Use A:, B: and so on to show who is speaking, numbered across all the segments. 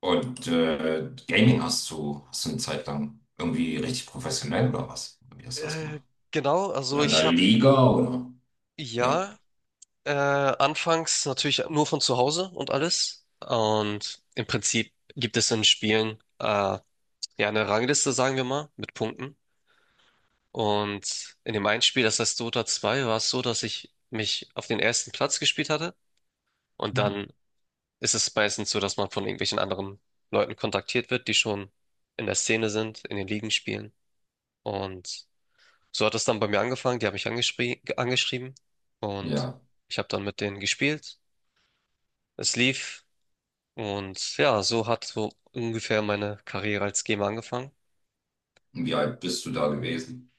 A: Und Gaming hast du eine Zeit lang irgendwie richtig professionell oder was? Wie hast du das
B: Äh,
A: gemacht?
B: genau,
A: In
B: also ich
A: einer
B: habe
A: Liga oder? Ja,
B: ja anfangs natürlich nur von zu Hause und alles. Und im Prinzip gibt es in Spielen ja eine Rangliste, sagen wir mal, mit Punkten. Und in dem einen Spiel, das heißt Dota 2, war es so, dass ich mich auf den ersten Platz gespielt hatte. Und dann ist es meistens so, dass man von irgendwelchen anderen Leuten kontaktiert wird, die schon in der Szene sind, in den Ligen spielen. Und so hat es dann bei mir angefangen. Die haben mich angeschrieben und
A: ja.
B: ich habe dann mit denen gespielt. Es lief und ja, so hat so ungefähr meine Karriere als Gamer angefangen.
A: Und wie alt bist du da gewesen?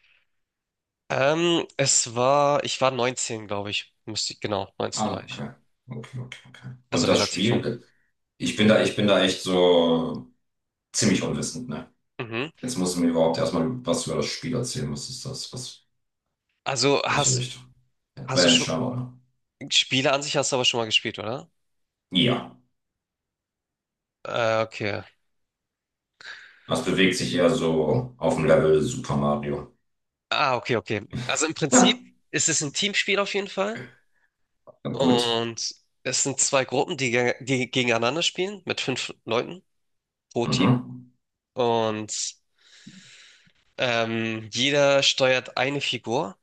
B: Es war, ich war 19, glaube ich. Müsste ich, genau, 19 war
A: Ah,
B: ich.
A: okay. Okay, okay, okay.
B: Also
A: Und das
B: relativ jung.
A: Spiel, ich bin da echt so ziemlich unwissend, ne?
B: Mhm.
A: Jetzt musst du mir überhaupt erstmal was über das Spiel erzählen. Was ist das? Was,
B: Also
A: welche Richtung?
B: hast du schon,
A: Adventure, oder?
B: Spiele an sich hast du aber schon mal gespielt, oder?
A: Ja.
B: Okay.
A: Das bewegt sich eher so auf dem Level Super Mario.
B: Ah, okay, okay. Also im
A: Ja.
B: Prinzip ist es ein Teamspiel auf jeden Fall.
A: Gut.
B: Und es sind zwei Gruppen, die gegeneinander spielen, mit 5 Leuten pro Team.
A: Mhm.
B: Und jeder steuert eine Figur.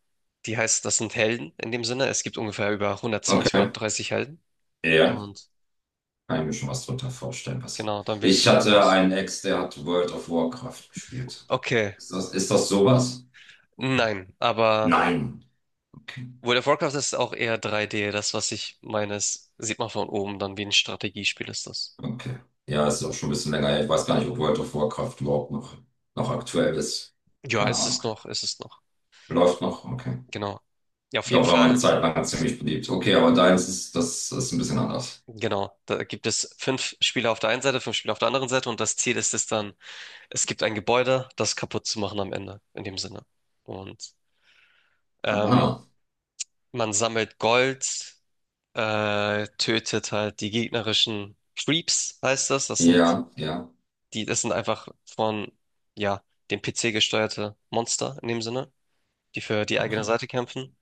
B: Die heißt, das sind Helden in dem Sinne. Es gibt ungefähr über 120,
A: Okay.
B: 130 Helden.
A: Ja,
B: Und
A: kann ich mir schon was drunter vorstellen. Was...
B: genau, dann wählst du
A: Ich
B: da einen
A: hatte
B: aus.
A: einen Ex, der hat World of Warcraft gespielt.
B: Okay,
A: Ist das sowas?
B: nein, aber
A: Nein. Okay.
B: World of Warcraft ist auch eher 3D. Das, was ich meine, ist, sieht man von oben, dann wie ein Strategiespiel ist das.
A: Okay. Ja, ist auch schon ein bisschen länger her. Ich weiß gar nicht, ob World of Warcraft überhaupt noch, noch aktuell ist.
B: Ja,
A: Keine
B: ist es
A: Ahnung.
B: noch, ist es noch.
A: Läuft noch? Okay.
B: Genau. Ja, auf
A: Ich
B: jeden
A: glaube, war mal eine
B: Fall.
A: Zeit lang ziemlich beliebt. Okay, aber deins ist, das ist ein bisschen anders.
B: Genau, da gibt es 5 Spieler auf der einen Seite, 5 Spieler auf der anderen Seite und das Ziel ist es dann, es gibt ein Gebäude, das kaputt zu machen am Ende, in dem Sinne. Und ähm,
A: Aha.
B: man sammelt Gold, tötet halt die gegnerischen Creeps, heißt das. Das sind
A: Ja, ja.
B: das sind einfach von, ja, dem PC gesteuerte Monster in dem Sinne, die für die eigene
A: Okay.
B: Seite kämpfen.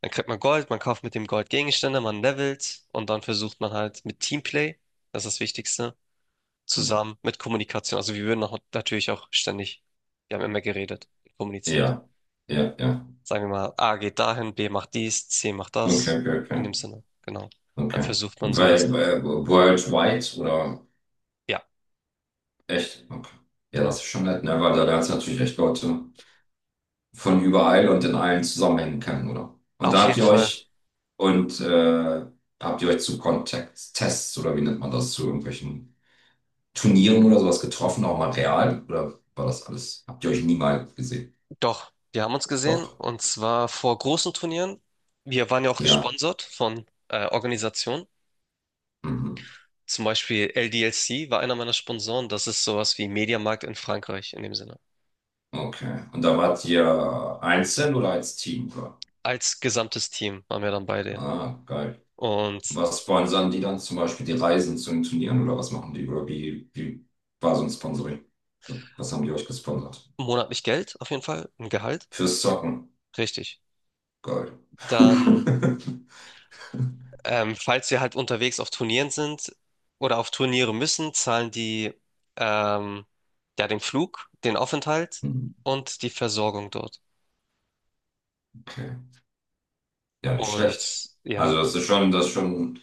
B: Dann kriegt man Gold, man kauft mit dem Gold Gegenstände, man levelt und dann versucht man halt mit Teamplay, das ist das Wichtigste zusammen mit Kommunikation. Also wir würden auch natürlich auch ständig, wir haben immer geredet, kommuniziert.
A: Ja, ja, ja.
B: Sagen wir mal, A geht dahin, B macht dies, C macht
A: Okay,
B: das.
A: okay,
B: In
A: okay.
B: dem Sinne, genau. Dann
A: Okay.
B: versucht man so,
A: Weil,
B: dass,
A: weil Worldwide oder
B: ja,
A: echt? Okay. Ja, das
B: genau.
A: ist schon nett, ne? Weil da lernst du natürlich echt Leute von überall und in allen Zusammenhängen kennen, oder? Und da
B: Auf
A: habt
B: jeden
A: ihr
B: Fall,
A: euch und habt ihr euch zu Kontakttests oder wie nennt man das, zu irgendwelchen Turnieren oder sowas getroffen, auch mal real? Oder war das alles? Habt ihr euch nie mal gesehen?
B: doch, wir haben uns gesehen
A: Doch.
B: und zwar vor großen Turnieren. Wir waren ja auch
A: Ja.
B: gesponsert von Organisationen.
A: Mhm.
B: Zum Beispiel LDLC war einer meiner Sponsoren. Das ist sowas wie Mediamarkt in Frankreich in dem Sinne.
A: Okay. Und da wart ihr einzeln oder als Team? Oder?
B: Als gesamtes Team waren wir dann bei denen.
A: Ah, geil.
B: Und
A: Was sponsern die dann zum Beispiel die Reisen zu den Turnieren oder was machen die? Oder wie war so ein Sponsoring? Was haben die euch gesponsert?
B: monatlich Geld, auf jeden Fall, ein Gehalt.
A: Fürs Zocken.
B: Richtig.
A: Geil.
B: Dann, falls wir halt unterwegs auf Turnieren sind oder auf Turniere müssen, zahlen die ähm, ja den Flug, den Aufenthalt und die Versorgung dort.
A: Okay. Ja, nicht
B: Und
A: schlecht. Also
B: ja,
A: das ist schon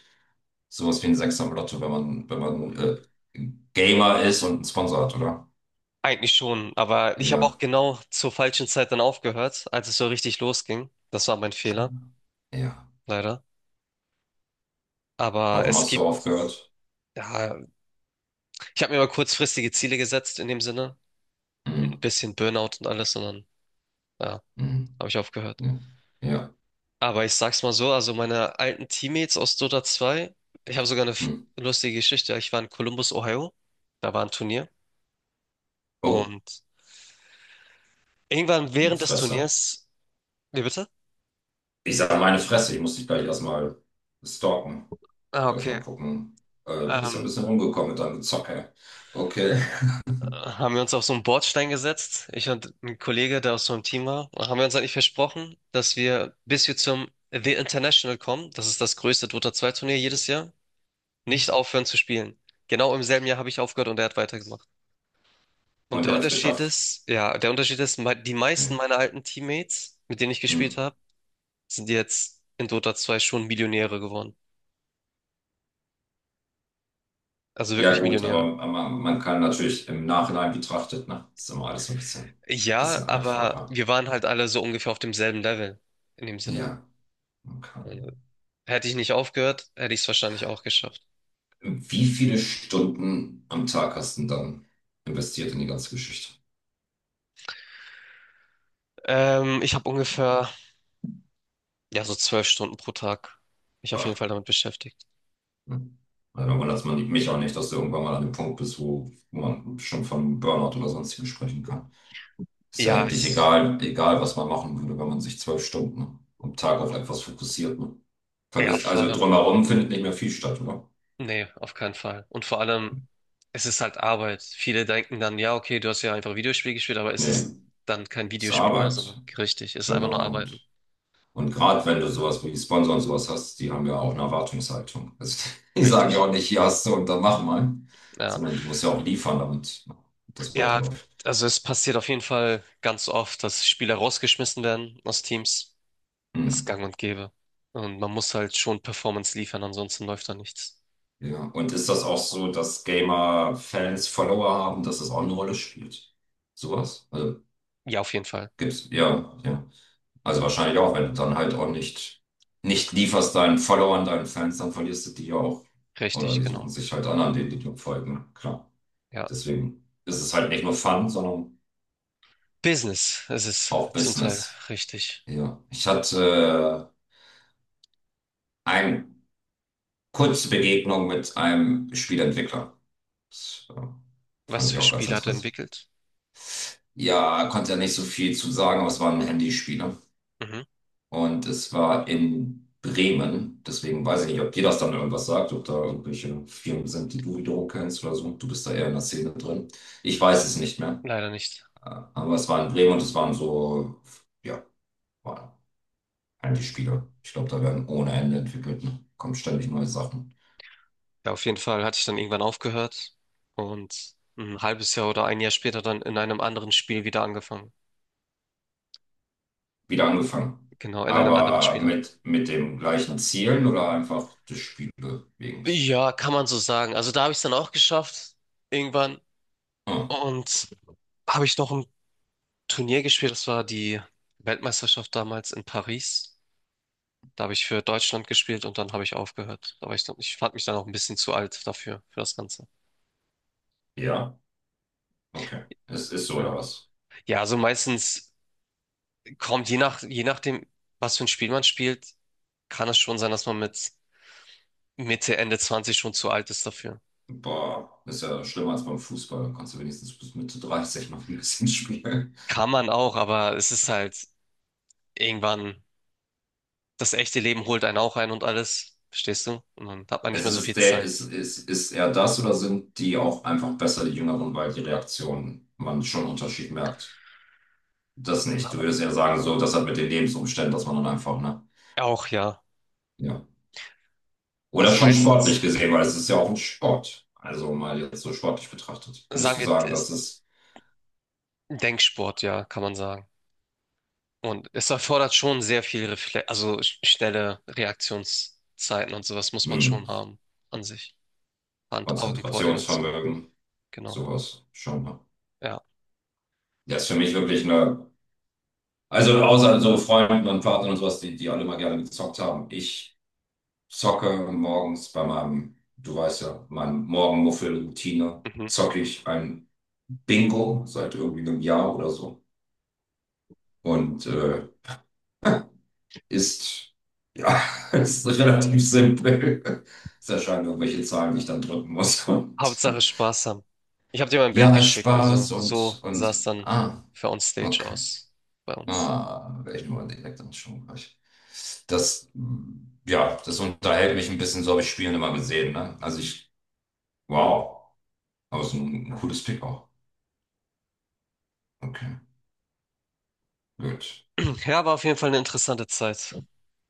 A: sowas wie ein Sechser im Lotto, wenn man, wenn man Gamer ist und einen Sponsor hat, oder?
B: eigentlich schon, aber ich habe
A: Ja,
B: auch genau zur falschen Zeit dann aufgehört, als es so richtig losging. Das war mein Fehler,
A: ja.
B: leider. Aber
A: Warum
B: es
A: hast
B: gibt,
A: du aufgehört?
B: ja, ich habe mir mal kurzfristige Ziele gesetzt in dem Sinne. Ein
A: Hm,
B: bisschen Burnout und alles, und dann, ja,
A: hm,
B: habe ich aufgehört.
A: ja, ja.
B: Aber ich sag's mal so, also meine alten Teammates aus Dota 2, ich habe sogar eine
A: Hm.
B: lustige Geschichte. Ich war in Columbus, Ohio, da war ein Turnier
A: Oh,
B: und irgendwann während des
A: Fresse.
B: Turniers, wie bitte?
A: Ich sage meine Fresse, ich muss dich gleich erstmal stalken.
B: Ah,
A: Lass
B: okay.
A: mal gucken. Bist ja ein
B: Ähm,
A: bisschen rumgekommen mit deinem Gezocke. Okay.
B: Haben wir uns auf so einen Bordstein gesetzt, ich und ein Kollege, der aus so einem Team war, und haben wir uns eigentlich versprochen, dass wir, bis wir zum The International kommen, das ist das größte Dota 2 Turnier jedes Jahr, nicht aufhören zu spielen. Genau im selben Jahr habe ich aufgehört und er hat weitergemacht. Und
A: Und er hat es geschafft.
B: Der Unterschied ist, die meisten
A: Hm.
B: meiner alten Teammates, mit denen ich gespielt
A: Hm.
B: habe, sind jetzt in Dota 2 schon Millionäre geworden. Also
A: Ja,
B: wirklich
A: gut,
B: Millionäre.
A: aber man kann natürlich im Nachhinein betrachtet, ne? Ist immer alles so ein bisschen,
B: Ja,
A: bisschen
B: aber
A: einfacher.
B: wir waren halt alle so ungefähr auf demselben Level, in dem Sinne.
A: Ja, okay.
B: Also, hätte ich nicht aufgehört, hätte ich es wahrscheinlich auch geschafft.
A: Wie viele Stunden am Tag hast du denn dann investiert in die ganze Geschichte?
B: Ähm, ich habe ungefähr, ja, so 12 Stunden pro Tag mich auf jeden
A: Bah.
B: Fall damit beschäftigt.
A: Hm. Also, da wundert man mich auch nicht, dass du irgendwann mal an dem Punkt bist, wo man schon von Burnout oder sonstigem sprechen kann. Ist ja
B: Ja,
A: eigentlich
B: ich,
A: egal, egal, was man machen würde, wenn man sich zwölf Stunden am Tag auf etwas fokussiert. Ne?
B: ja,
A: Vergisst,
B: vor
A: also
B: allem
A: drumherum findet nicht mehr viel statt, oder?
B: nee, auf keinen Fall. Und vor allem, es ist halt Arbeit. Viele denken dann, ja, okay, du hast ja einfach Videospiel gespielt, aber es
A: Nee,
B: ist dann kein
A: ist
B: Videospiel mehr, sondern
A: Arbeit.
B: richtig, es ist einfach
A: Genau.
B: nur Arbeiten.
A: Und gerade wenn du sowas wie Sponsor und sowas hast, die haben ja auch eine Erwartungshaltung. Also, die sagen ja
B: Richtig.
A: auch nicht, hier hast du und dann mach mal,
B: Ja.
A: sondern du musst ja auch liefern, damit das
B: Ja,
A: weiterläuft.
B: also es passiert auf jeden Fall ganz oft, dass Spieler rausgeschmissen werden aus Teams. Ist
A: Hm.
B: gang und gäbe. Und man muss halt schon Performance liefern, ansonsten läuft da nichts.
A: Ja. Und ist das auch so, dass Gamer Fans Follower haben, dass das auch eine Rolle spielt? Sowas? Also
B: Ja, auf jeden Fall.
A: gibt's, ja, ja. Also wahrscheinlich auch, wenn du dann halt auch nicht, nicht lieferst deinen Followern, deinen Fans, dann verlierst du die ja auch. Oder
B: Richtig,
A: die suchen
B: genau.
A: sich halt an, an denen die dir folgen. Klar.
B: Ja.
A: Deswegen ist es halt nicht nur Fun, sondern
B: Business, es ist
A: auch
B: zum Teil
A: Business.
B: richtig.
A: Ja. Ich hatte eine kurze Begegnung mit einem Spieleentwickler. Das fand
B: Was
A: ich
B: für
A: auch ganz
B: Spiele hat er
A: interessant.
B: entwickelt?
A: Ja, konnte ja nicht so viel zu sagen, aber es war ein Handyspiel.
B: Mhm.
A: Und es war in Bremen. Deswegen weiß ich nicht, ob dir das dann irgendwas sagt, ob da irgendwelche Firmen sind, die du wiederum kennst oder so. Du bist da eher in der Szene drin. Ich weiß es nicht mehr.
B: Leider nicht.
A: Äh, Aber es war in Bremen und es waren so, ja, waren Handyspiele. Ich glaube, da werden ohne Ende entwickelt. Ne? Kommen ständig neue Sachen.
B: Ja, auf jeden Fall hatte ich dann irgendwann aufgehört und ein halbes Jahr oder ein Jahr später dann in einem anderen Spiel wieder angefangen.
A: Wieder angefangen.
B: Genau, in einem anderen
A: Aber
B: Spiel dann.
A: mit dem gleichen Zielen oder einfach des Spiele wegen.
B: Ja, kann man so sagen. Also da habe ich es dann auch geschafft, irgendwann.
A: Ah,
B: Und habe ich noch ein Turnier gespielt, das war die Weltmeisterschaft damals in Paris. Da habe ich für Deutschland gespielt und dann habe ich aufgehört. Aber ich fand mich dann auch ein bisschen zu alt dafür, für das Ganze.
A: ja, okay. Es ist so oder
B: Ja,
A: was?
B: ja, also meistens kommt je nachdem, was für ein Spiel man spielt, kann es schon sein, dass man mit Mitte, Ende 20 schon zu alt ist dafür.
A: Boah, ist ja schlimmer als beim Fußball. Kannst du wenigstens bis Mitte 30 noch ein bisschen spielen.
B: Kann man auch, aber es ist halt irgendwann, das echte Leben holt einen auch ein und alles, verstehst du? Und dann hat man nicht
A: Es
B: mehr so viel
A: ist der,
B: Zeit.
A: ist er das oder sind die auch einfach besser, die Jüngeren, weil die Reaktionen man schon einen Unterschied merkt? Das nicht. Du würdest ja sagen, so, das hat mit den Lebensumständen, dass man dann einfach, ne?
B: Auch ja.
A: Ja. Oder
B: Also
A: schon sportlich
B: meistens
A: gesehen, weil es ist ja auch ein Sport. Also mal jetzt so sportlich betrachtet. Würdest
B: sagen
A: du
B: wir,
A: sagen, das
B: ist
A: ist,
B: Denksport, ja, kann man sagen. Und es erfordert schon sehr viel Refle also schnelle Reaktionszeiten und sowas muss man schon
A: hm,
B: haben an sich. Hand-Augen-Koordination.
A: Konzentrationsvermögen,
B: Genau.
A: sowas schon, ne?
B: Ja.
A: Das ist für mich wirklich eine. Also außer so Freunden und Partnern und sowas, die alle mal gerne gezockt haben. Ich zocke morgens bei meinem, du weißt ja, meinem Morgenmuffel-Routine,
B: Mhm.
A: zocke ich ein Bingo seit irgendwie einem Jahr oder so. Und ist, ja, ist relativ simpel. Es erscheinen irgendwelche Zahlen, die ich dann drücken muss. Und
B: Hauptsache Spaß haben. Ich habe dir mal ein Bild
A: ja,
B: geschickt, also
A: Spaß
B: so sah
A: und
B: es dann
A: ah,
B: für Onstage
A: okay.
B: aus bei uns.
A: Ah, welchen wollen Sie direkt am Strombereich? Das, mm, ja, das unterhält mich ein bisschen, so habe ich Spielen immer gesehen, ne? Also ich, wow, aber es ist ein cooles Pick auch. Okay, gut.
B: Ja, war auf jeden Fall eine interessante Zeit.